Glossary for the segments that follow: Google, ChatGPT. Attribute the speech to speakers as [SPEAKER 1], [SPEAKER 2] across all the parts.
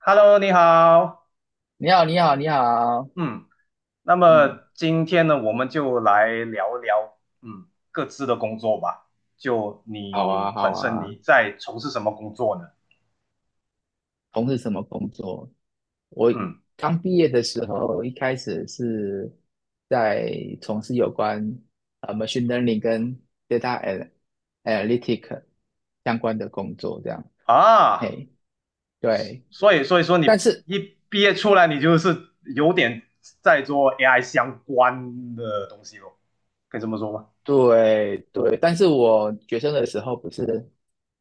[SPEAKER 1] Hello，你好。
[SPEAKER 2] 你好，你好，你好，
[SPEAKER 1] 嗯，那
[SPEAKER 2] 嗯，
[SPEAKER 1] 么今天呢，我们就来聊聊，各自的工作吧。就
[SPEAKER 2] 好
[SPEAKER 1] 你
[SPEAKER 2] 啊，好
[SPEAKER 1] 本身
[SPEAKER 2] 啊，
[SPEAKER 1] 你在从事什么工作呢？
[SPEAKER 2] 从事什么工作？我
[SPEAKER 1] 嗯，
[SPEAKER 2] 刚毕业的时候，一开始是在从事有关machine learning 跟 data analytic 相关的工作，这样。
[SPEAKER 1] 啊，
[SPEAKER 2] 嘿，对，
[SPEAKER 1] 所以说
[SPEAKER 2] 但
[SPEAKER 1] 你
[SPEAKER 2] 是
[SPEAKER 1] 一毕业出来，你就是有点在做 AI 相关的东西咯，可以这么说吗？
[SPEAKER 2] 对对，但是我学生的时候不是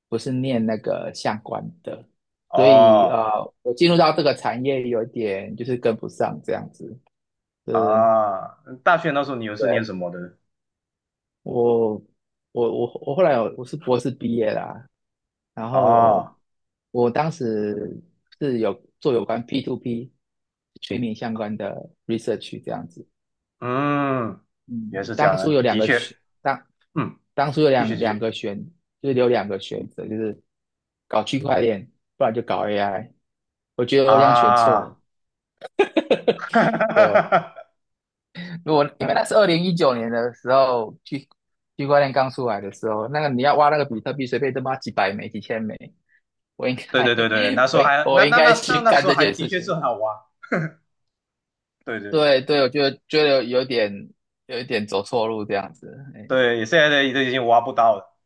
[SPEAKER 2] 不是念那个相关的，所以
[SPEAKER 1] 哦。
[SPEAKER 2] 我进入到这个产业有点就是跟不上这样子。对，
[SPEAKER 1] 啊，大学那时候你又是念
[SPEAKER 2] 对，
[SPEAKER 1] 什么的？
[SPEAKER 2] 我我我我后来有我是博士毕业啦，然后
[SPEAKER 1] 哦，
[SPEAKER 2] 我当时是有做有关 p to p 全民相关的 research 这样子。
[SPEAKER 1] 嗯，也
[SPEAKER 2] 嗯，
[SPEAKER 1] 是这
[SPEAKER 2] 当
[SPEAKER 1] 样
[SPEAKER 2] 初
[SPEAKER 1] 的，
[SPEAKER 2] 有两
[SPEAKER 1] 的
[SPEAKER 2] 个
[SPEAKER 1] 确。
[SPEAKER 2] 选，当
[SPEAKER 1] 嗯，
[SPEAKER 2] 当初有
[SPEAKER 1] 继续
[SPEAKER 2] 两
[SPEAKER 1] 继
[SPEAKER 2] 两
[SPEAKER 1] 续。
[SPEAKER 2] 个选，就是有两个选择，就是搞区块链，不然就搞 AI。我觉得我这样选错
[SPEAKER 1] 啊，
[SPEAKER 2] 了，对，如果因为那是2019年的时候，区块链刚出来的时候，那个你要挖那个比特币，随便都挖几百枚、几千枚。我应
[SPEAKER 1] 对对
[SPEAKER 2] 该，
[SPEAKER 1] 对对，那 时
[SPEAKER 2] 我
[SPEAKER 1] 候
[SPEAKER 2] 应
[SPEAKER 1] 还
[SPEAKER 2] 我
[SPEAKER 1] 那
[SPEAKER 2] 应
[SPEAKER 1] 那
[SPEAKER 2] 该
[SPEAKER 1] 那那
[SPEAKER 2] 去
[SPEAKER 1] 那
[SPEAKER 2] 干
[SPEAKER 1] 时候
[SPEAKER 2] 这
[SPEAKER 1] 还
[SPEAKER 2] 件
[SPEAKER 1] 的
[SPEAKER 2] 事
[SPEAKER 1] 确是
[SPEAKER 2] 情。
[SPEAKER 1] 很好挖。对对
[SPEAKER 2] 对对，我觉得有一点走错路这样子。哎，
[SPEAKER 1] 对，现在的都已经挖不到了，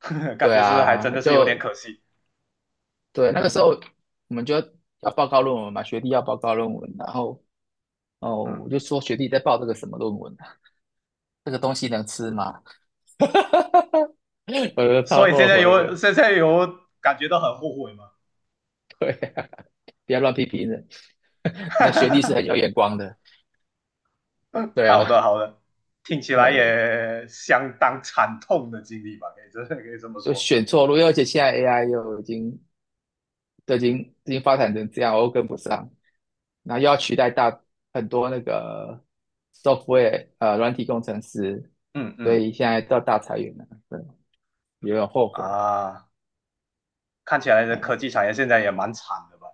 [SPEAKER 1] 感
[SPEAKER 2] 对
[SPEAKER 1] 觉是还真
[SPEAKER 2] 啊，
[SPEAKER 1] 的是有
[SPEAKER 2] 就
[SPEAKER 1] 点可惜。
[SPEAKER 2] 对那个时候我们就要报告论文嘛，学弟要报告论文，然后哦，
[SPEAKER 1] 嗯，
[SPEAKER 2] 我就说学弟在报这个什么论文啊？这个东西能吃吗？我都超
[SPEAKER 1] 所以现
[SPEAKER 2] 后
[SPEAKER 1] 在
[SPEAKER 2] 悔
[SPEAKER 1] 有
[SPEAKER 2] 的。
[SPEAKER 1] 现在有感觉到很后悔吗？
[SPEAKER 2] 对，不要乱批评人。那学弟是很有 眼光的，对
[SPEAKER 1] 好
[SPEAKER 2] 啊，
[SPEAKER 1] 的好的，听起来
[SPEAKER 2] 哎，
[SPEAKER 1] 也相当惨痛的经历吧，可以这么
[SPEAKER 2] 就
[SPEAKER 1] 说。
[SPEAKER 2] 选错路，而且现在 AI 又已经都已经已经发展成这样，我又跟不上，那又要取代很多那个 software 软体工程师，
[SPEAKER 1] 嗯
[SPEAKER 2] 所
[SPEAKER 1] 嗯
[SPEAKER 2] 以现在到大裁员了，对，有点后悔，
[SPEAKER 1] 啊，看起来的科
[SPEAKER 2] 哎，
[SPEAKER 1] 技产业现在也蛮惨的吧。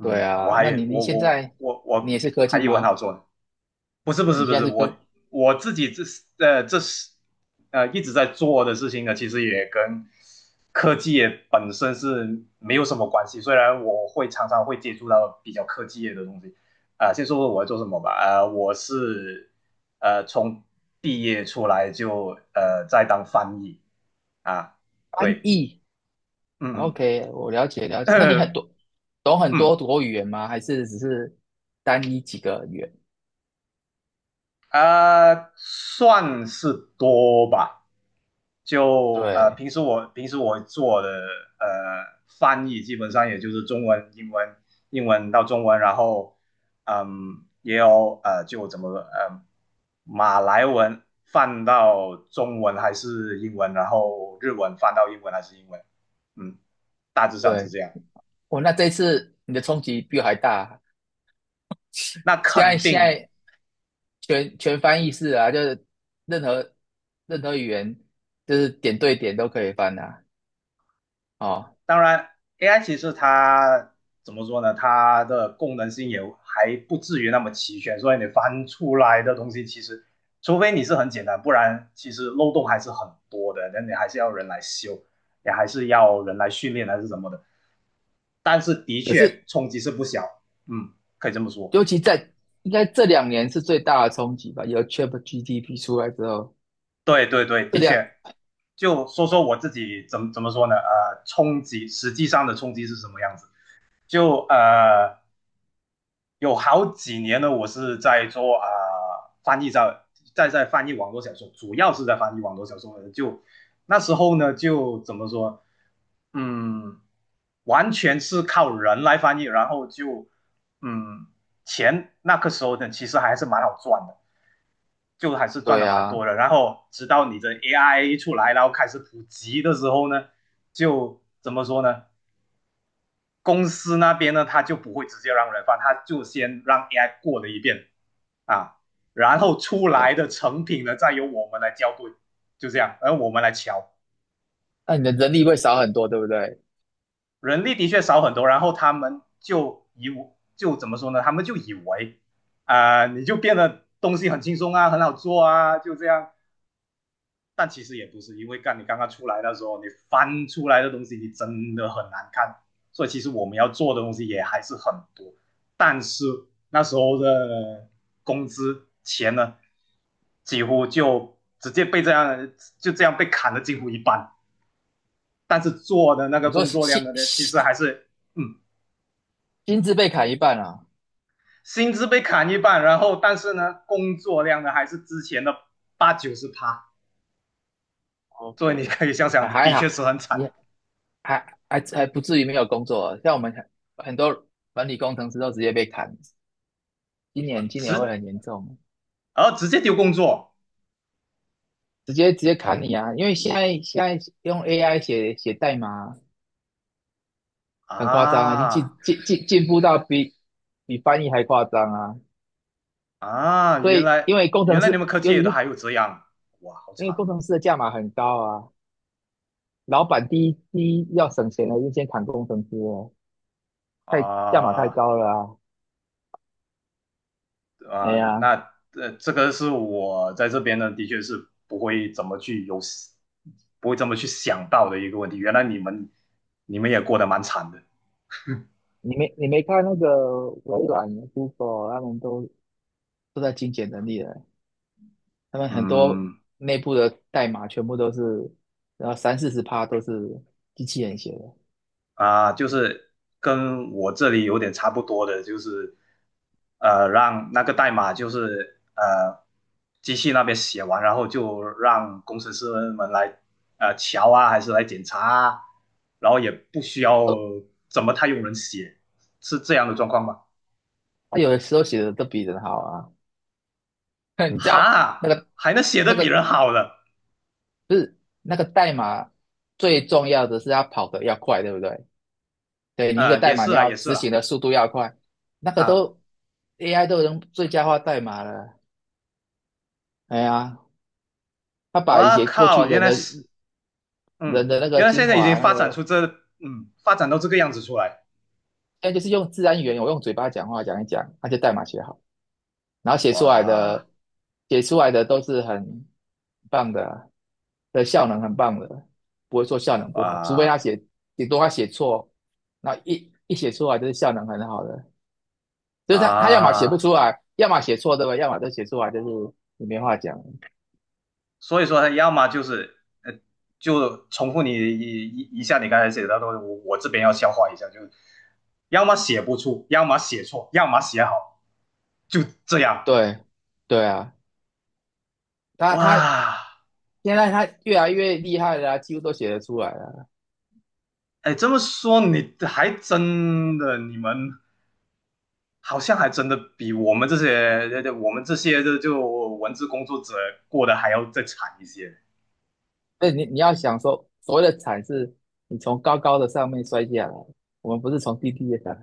[SPEAKER 2] 对
[SPEAKER 1] 我
[SPEAKER 2] 啊，那
[SPEAKER 1] 还
[SPEAKER 2] 你
[SPEAKER 1] 我
[SPEAKER 2] 现
[SPEAKER 1] 我
[SPEAKER 2] 在
[SPEAKER 1] 我
[SPEAKER 2] 你
[SPEAKER 1] 我
[SPEAKER 2] 也是科
[SPEAKER 1] 还
[SPEAKER 2] 技
[SPEAKER 1] 以为很
[SPEAKER 2] 吗？
[SPEAKER 1] 好做呢。不是不是
[SPEAKER 2] 你
[SPEAKER 1] 不
[SPEAKER 2] 现
[SPEAKER 1] 是，
[SPEAKER 2] 在是科
[SPEAKER 1] 我自己这是呃这是呃一直在做的事情呢，其实也跟科技业本身是没有什么关系。虽然我常常会接触到比较科技业的东西啊，先说说我在做什么吧。啊，我是从毕业出来就在当翻译啊。
[SPEAKER 2] 翻
[SPEAKER 1] 对，
[SPEAKER 2] 译
[SPEAKER 1] 嗯嗯
[SPEAKER 2] ？OK，我了解了解，那你很 多懂很
[SPEAKER 1] 嗯
[SPEAKER 2] 多多语言吗？还是只是单一几个语言？
[SPEAKER 1] 啊，算是多吧。就
[SPEAKER 2] 对，
[SPEAKER 1] 平时我做的翻译基本上也就是中文、英文到中文，然后也有就怎么马来文翻到中文还是英文，然后日文翻到英文还是英文，嗯，大致上是
[SPEAKER 2] 对，
[SPEAKER 1] 这样。
[SPEAKER 2] 哦，那这一次你的冲击比我还大。
[SPEAKER 1] 那
[SPEAKER 2] 现在
[SPEAKER 1] 肯
[SPEAKER 2] 现
[SPEAKER 1] 定。
[SPEAKER 2] 在全翻译式啊，就是任何任何语言，就是点对点都可以翻啊。哦，
[SPEAKER 1] 当然，AI 其实它怎么说呢？它的功能性也还不至于那么齐全，所以你翻出来的东西其实，除非你是很简单，不然其实漏洞还是很多的。那你还是要人来修，也还是要人来训练还是什么的。但是的
[SPEAKER 2] 可
[SPEAKER 1] 确
[SPEAKER 2] 是
[SPEAKER 1] 冲击是不小，嗯，可以这么说。
[SPEAKER 2] 尤其在应该这两年是最大的冲击吧？有 ChatGPT 出来之后，
[SPEAKER 1] 对对对，
[SPEAKER 2] 这
[SPEAKER 1] 的
[SPEAKER 2] 两
[SPEAKER 1] 确。就说说我自己怎么说呢？冲击实际上的冲击是什么样子？就有好几年呢，我是在做啊，翻译在翻译网络小说，主要是在翻译网络小说的。就那时候呢，就怎么说，嗯，完全是靠人来翻译，然后就嗯，钱那个时候呢，其实还是蛮好赚的，就还是赚
[SPEAKER 2] 对
[SPEAKER 1] 的蛮多
[SPEAKER 2] 啊，
[SPEAKER 1] 的。然后直到你的 AI 出来，然后开始普及的时候呢，就怎么说呢？公司那边呢，他就不会直接让人翻，他就先让 AI 过了一遍，啊，然后出
[SPEAKER 2] 哎，
[SPEAKER 1] 来的成品呢，再由我们来校对，就这样，而我们来瞧，
[SPEAKER 2] 那你的人力会少很多，对不对？
[SPEAKER 1] 人力的确少很多。然后他们就怎么说呢？他们就以为啊，你就变得东西很轻松啊，很好做啊，就这样。但其实也不是，因为干你刚刚出来的时候，你翻出来的东西你真的很难看，所以其实我们要做的东西也还是很多。但是那时候的工资钱呢，几乎就直接被这样就这样被砍了几乎一半，但是做的那个
[SPEAKER 2] 你说
[SPEAKER 1] 工作量的呢，其实
[SPEAKER 2] 心
[SPEAKER 1] 还是嗯，
[SPEAKER 2] 心资被砍一半啊
[SPEAKER 1] 薪资被砍一半。然后但是呢，工作量呢还是之前的八九十趴，所以你
[SPEAKER 2] ？OK，
[SPEAKER 1] 可以想
[SPEAKER 2] 还
[SPEAKER 1] 想，
[SPEAKER 2] 还
[SPEAKER 1] 的确
[SPEAKER 2] 好，
[SPEAKER 1] 是很惨，
[SPEAKER 2] 你还不至于没有工作啊，像我们很多管理工程师都直接被砍，今年
[SPEAKER 1] 直
[SPEAKER 2] 会很严重，
[SPEAKER 1] 而直接丢工作。
[SPEAKER 2] 直接砍你啊！因为现在用 AI 写代码很夸张啊，已经
[SPEAKER 1] 啊
[SPEAKER 2] 进步到比翻译还夸张啊！
[SPEAKER 1] 啊，
[SPEAKER 2] 所
[SPEAKER 1] 原
[SPEAKER 2] 以
[SPEAKER 1] 来
[SPEAKER 2] 因为工
[SPEAKER 1] 原
[SPEAKER 2] 程
[SPEAKER 1] 来你
[SPEAKER 2] 师，
[SPEAKER 1] 们科技
[SPEAKER 2] 尤
[SPEAKER 1] 也
[SPEAKER 2] 其
[SPEAKER 1] 都
[SPEAKER 2] 是
[SPEAKER 1] 还有这样，哇，好
[SPEAKER 2] 因为工
[SPEAKER 1] 惨
[SPEAKER 2] 程师的价码很高啊，老板第一要省钱的就先砍工程师哦，价码太
[SPEAKER 1] 啊
[SPEAKER 2] 高了啊！哎
[SPEAKER 1] 啊！
[SPEAKER 2] 呀，
[SPEAKER 1] 那这个是我在这边呢，的确是不会怎么去有，不会这么去想到的一个问题。原来你们也过得蛮惨的。
[SPEAKER 2] 你没看那个微软、Google 他们都在精简能力了。他们很多
[SPEAKER 1] 嗯，
[SPEAKER 2] 内部的代码全部都是，然后三四十趴都是机器人写的。
[SPEAKER 1] 啊，就是跟我这里有点差不多的，就是让那个代码就是机器那边写完，然后就让工程师们来瞧啊，还是来检查啊，然后也不需要
[SPEAKER 2] 哦，
[SPEAKER 1] 怎么太用人写，是这样的状况吗？
[SPEAKER 2] 他有的时候写的都比人好啊。你知道那
[SPEAKER 1] 哈，
[SPEAKER 2] 个
[SPEAKER 1] 还能写的
[SPEAKER 2] 那
[SPEAKER 1] 比
[SPEAKER 2] 个
[SPEAKER 1] 人好的。
[SPEAKER 2] 不是那个代码最重要的是要跑得要快，对不对？对，你一个代
[SPEAKER 1] 也
[SPEAKER 2] 码
[SPEAKER 1] 是
[SPEAKER 2] 你
[SPEAKER 1] 啦，
[SPEAKER 2] 要
[SPEAKER 1] 也是
[SPEAKER 2] 执行
[SPEAKER 1] 啦。
[SPEAKER 2] 的速度要快，那个
[SPEAKER 1] 啊，
[SPEAKER 2] 都 AI 都能最佳化代码了。哎呀，他把一
[SPEAKER 1] 我
[SPEAKER 2] 些过
[SPEAKER 1] 靠，
[SPEAKER 2] 去
[SPEAKER 1] 原
[SPEAKER 2] 人
[SPEAKER 1] 来
[SPEAKER 2] 的
[SPEAKER 1] 是，嗯，
[SPEAKER 2] 人的那个
[SPEAKER 1] 原来
[SPEAKER 2] 精
[SPEAKER 1] 现在已经
[SPEAKER 2] 华那
[SPEAKER 1] 发展
[SPEAKER 2] 个。
[SPEAKER 1] 出这，发展到这个样子出来。
[SPEAKER 2] 现在就是用自然语言，我用嘴巴讲话讲一讲，他就代码写好了。然后写出来
[SPEAKER 1] 哇。
[SPEAKER 2] 的写出来的都是很棒的啊，的效能很棒的，不会说效能不好，除非他
[SPEAKER 1] 啊
[SPEAKER 2] 写顶多他写错，那一写出来就是效能很好的，就是他要么写不
[SPEAKER 1] 啊，
[SPEAKER 2] 出来，要么写错对吧？要么就写出来就是你没话讲，
[SPEAKER 1] 所以说他要么就是呃，就重复你一下你刚才写的东西，我这边要消化一下，就是要么写不出，要么写错，要么写好，就这样。
[SPEAKER 2] 对对啊，他
[SPEAKER 1] 哇，
[SPEAKER 2] 现在他越来越厉害了啊几乎都写得出来了。
[SPEAKER 1] 哎，这么说你还真的，你们好像还真的比我们这些这这我们这些这就文字工作者过得还要再惨一些。
[SPEAKER 2] 对，你要想说，所谓的惨是，你从高高的上面摔下来，我们不是从低低的下来。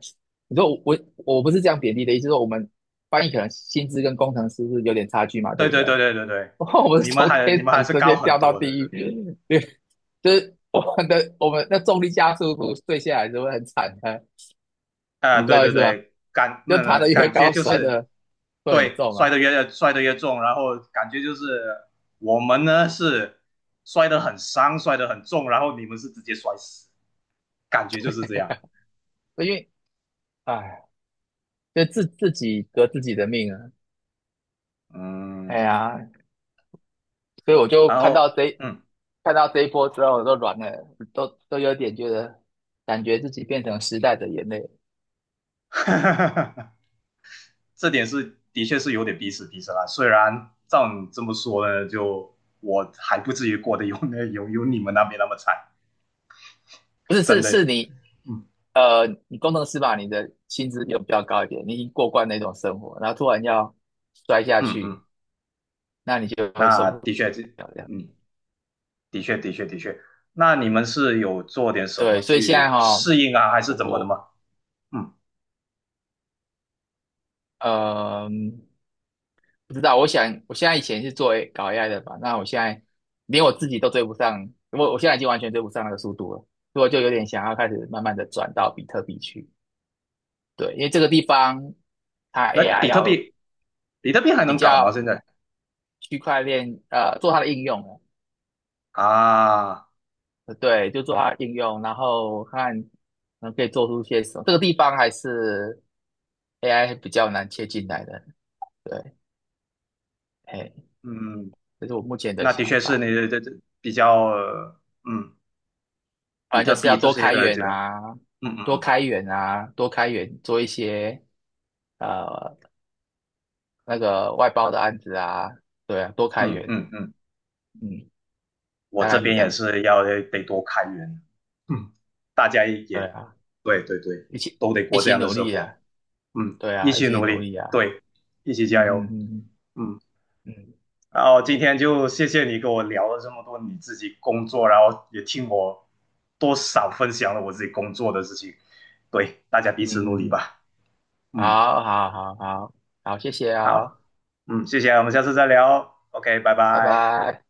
[SPEAKER 2] 你说我不是这样贬低的意思，说我们翻译可能薪资跟工程师是有点差距嘛，对
[SPEAKER 1] 对
[SPEAKER 2] 不
[SPEAKER 1] 对
[SPEAKER 2] 对？
[SPEAKER 1] 对对对对，
[SPEAKER 2] 我们是
[SPEAKER 1] 你们
[SPEAKER 2] 从
[SPEAKER 1] 还你
[SPEAKER 2] 天
[SPEAKER 1] 们还
[SPEAKER 2] 堂
[SPEAKER 1] 是
[SPEAKER 2] 直
[SPEAKER 1] 高
[SPEAKER 2] 接
[SPEAKER 1] 很
[SPEAKER 2] 掉到
[SPEAKER 1] 多的。
[SPEAKER 2] 地
[SPEAKER 1] 对
[SPEAKER 2] 狱，对，就是我们那重力加速度坠下来是会很惨的，
[SPEAKER 1] 啊，
[SPEAKER 2] 你知
[SPEAKER 1] 对
[SPEAKER 2] 道意
[SPEAKER 1] 对
[SPEAKER 2] 思吗？
[SPEAKER 1] 对，
[SPEAKER 2] 就爬得越
[SPEAKER 1] 感觉
[SPEAKER 2] 高，
[SPEAKER 1] 就
[SPEAKER 2] 摔
[SPEAKER 1] 是
[SPEAKER 2] 得会很
[SPEAKER 1] 对
[SPEAKER 2] 重
[SPEAKER 1] 摔
[SPEAKER 2] 啊，
[SPEAKER 1] 得越摔得越重，然后感觉就是我们呢是摔得很伤，摔得很重，然后你们是直接摔死，感觉就是这样。
[SPEAKER 2] 因为哎，就自己革自己的命啊，哎
[SPEAKER 1] 嗯，
[SPEAKER 2] 呀，所以我就
[SPEAKER 1] 然后
[SPEAKER 2] 看到这一波之后，我都软了，都有点觉得，感觉自己变成时代的眼泪。
[SPEAKER 1] 哈哈哈这点是的确是有点彼此彼此啦。虽然照你这么说呢，就我还不至于过得有你们那边那么惨，
[SPEAKER 2] 不是，
[SPEAKER 1] 真
[SPEAKER 2] 是
[SPEAKER 1] 的。
[SPEAKER 2] 是你，
[SPEAKER 1] 嗯
[SPEAKER 2] 你工程师吧，你的薪资有比较高一点，你已经过惯那种生活，然后突然要摔下
[SPEAKER 1] 嗯
[SPEAKER 2] 去，
[SPEAKER 1] 嗯，
[SPEAKER 2] 那你就会受
[SPEAKER 1] 那
[SPEAKER 2] 不
[SPEAKER 1] 的确这
[SPEAKER 2] 了这样。
[SPEAKER 1] 嗯。的确，的确，的确。那你们是有做点什么
[SPEAKER 2] 对，所以现在
[SPEAKER 1] 去
[SPEAKER 2] 哈、
[SPEAKER 1] 适应啊，还是
[SPEAKER 2] 我
[SPEAKER 1] 怎么的
[SPEAKER 2] 我
[SPEAKER 1] 吗？嗯，
[SPEAKER 2] 呃，不知道，我想我现在以前是搞 AI 的吧，那我现在连我自己都追不上，我现在已经完全追不上那个速度了，所以我就有点想要开始慢慢的转到比特币去。对，因为这个地方它
[SPEAKER 1] 那
[SPEAKER 2] AI
[SPEAKER 1] 比特
[SPEAKER 2] 要
[SPEAKER 1] 币，比特币还
[SPEAKER 2] 比
[SPEAKER 1] 能搞吗？
[SPEAKER 2] 较
[SPEAKER 1] 现在
[SPEAKER 2] 区块链做它的应用哦，
[SPEAKER 1] 啊，
[SPEAKER 2] 对，就做它的应用，然后看可以做出些什么。这个地方还是 AI 比较难切进来的，对，哎，
[SPEAKER 1] 嗯，
[SPEAKER 2] 这是我目前的
[SPEAKER 1] 那的
[SPEAKER 2] 想
[SPEAKER 1] 确是你
[SPEAKER 2] 法。
[SPEAKER 1] 这比较，比
[SPEAKER 2] 反正
[SPEAKER 1] 特
[SPEAKER 2] 就是
[SPEAKER 1] 币
[SPEAKER 2] 要
[SPEAKER 1] 这
[SPEAKER 2] 多
[SPEAKER 1] 些
[SPEAKER 2] 开
[SPEAKER 1] 的就，
[SPEAKER 2] 源啊，
[SPEAKER 1] 嗯
[SPEAKER 2] 多
[SPEAKER 1] 嗯
[SPEAKER 2] 开源啊，多开源，做一些呃那个外包的案子啊，对啊，多开
[SPEAKER 1] 嗯
[SPEAKER 2] 源，
[SPEAKER 1] 嗯嗯，
[SPEAKER 2] 嗯，
[SPEAKER 1] 我
[SPEAKER 2] 大
[SPEAKER 1] 这
[SPEAKER 2] 概是
[SPEAKER 1] 边
[SPEAKER 2] 这
[SPEAKER 1] 也
[SPEAKER 2] 样子，
[SPEAKER 1] 是要得多开源。嗯，大家也，
[SPEAKER 2] 对啊，
[SPEAKER 1] 对对对，
[SPEAKER 2] 一起
[SPEAKER 1] 都得
[SPEAKER 2] 一
[SPEAKER 1] 过这
[SPEAKER 2] 起
[SPEAKER 1] 样的
[SPEAKER 2] 努
[SPEAKER 1] 生
[SPEAKER 2] 力啊。
[SPEAKER 1] 活。嗯，
[SPEAKER 2] 对
[SPEAKER 1] 一
[SPEAKER 2] 啊，一
[SPEAKER 1] 起
[SPEAKER 2] 起
[SPEAKER 1] 努
[SPEAKER 2] 努
[SPEAKER 1] 力，
[SPEAKER 2] 力啊，
[SPEAKER 1] 对，一起
[SPEAKER 2] 嗯
[SPEAKER 1] 加油，
[SPEAKER 2] 嗯
[SPEAKER 1] 嗯。
[SPEAKER 2] 嗯嗯
[SPEAKER 1] 然后今天就谢谢你跟我聊了这么多你自己工作，然后也听我多少分享了我自己工作的事情。对，大家彼
[SPEAKER 2] 嗯
[SPEAKER 1] 此
[SPEAKER 2] 嗯
[SPEAKER 1] 努力
[SPEAKER 2] 嗯嗯，
[SPEAKER 1] 吧。嗯，
[SPEAKER 2] 好好好好好，谢谢啊
[SPEAKER 1] 好，
[SPEAKER 2] 哦，
[SPEAKER 1] 嗯，谢谢，我们下次再聊哦。OK，拜
[SPEAKER 2] 拜
[SPEAKER 1] 拜。
[SPEAKER 2] 拜。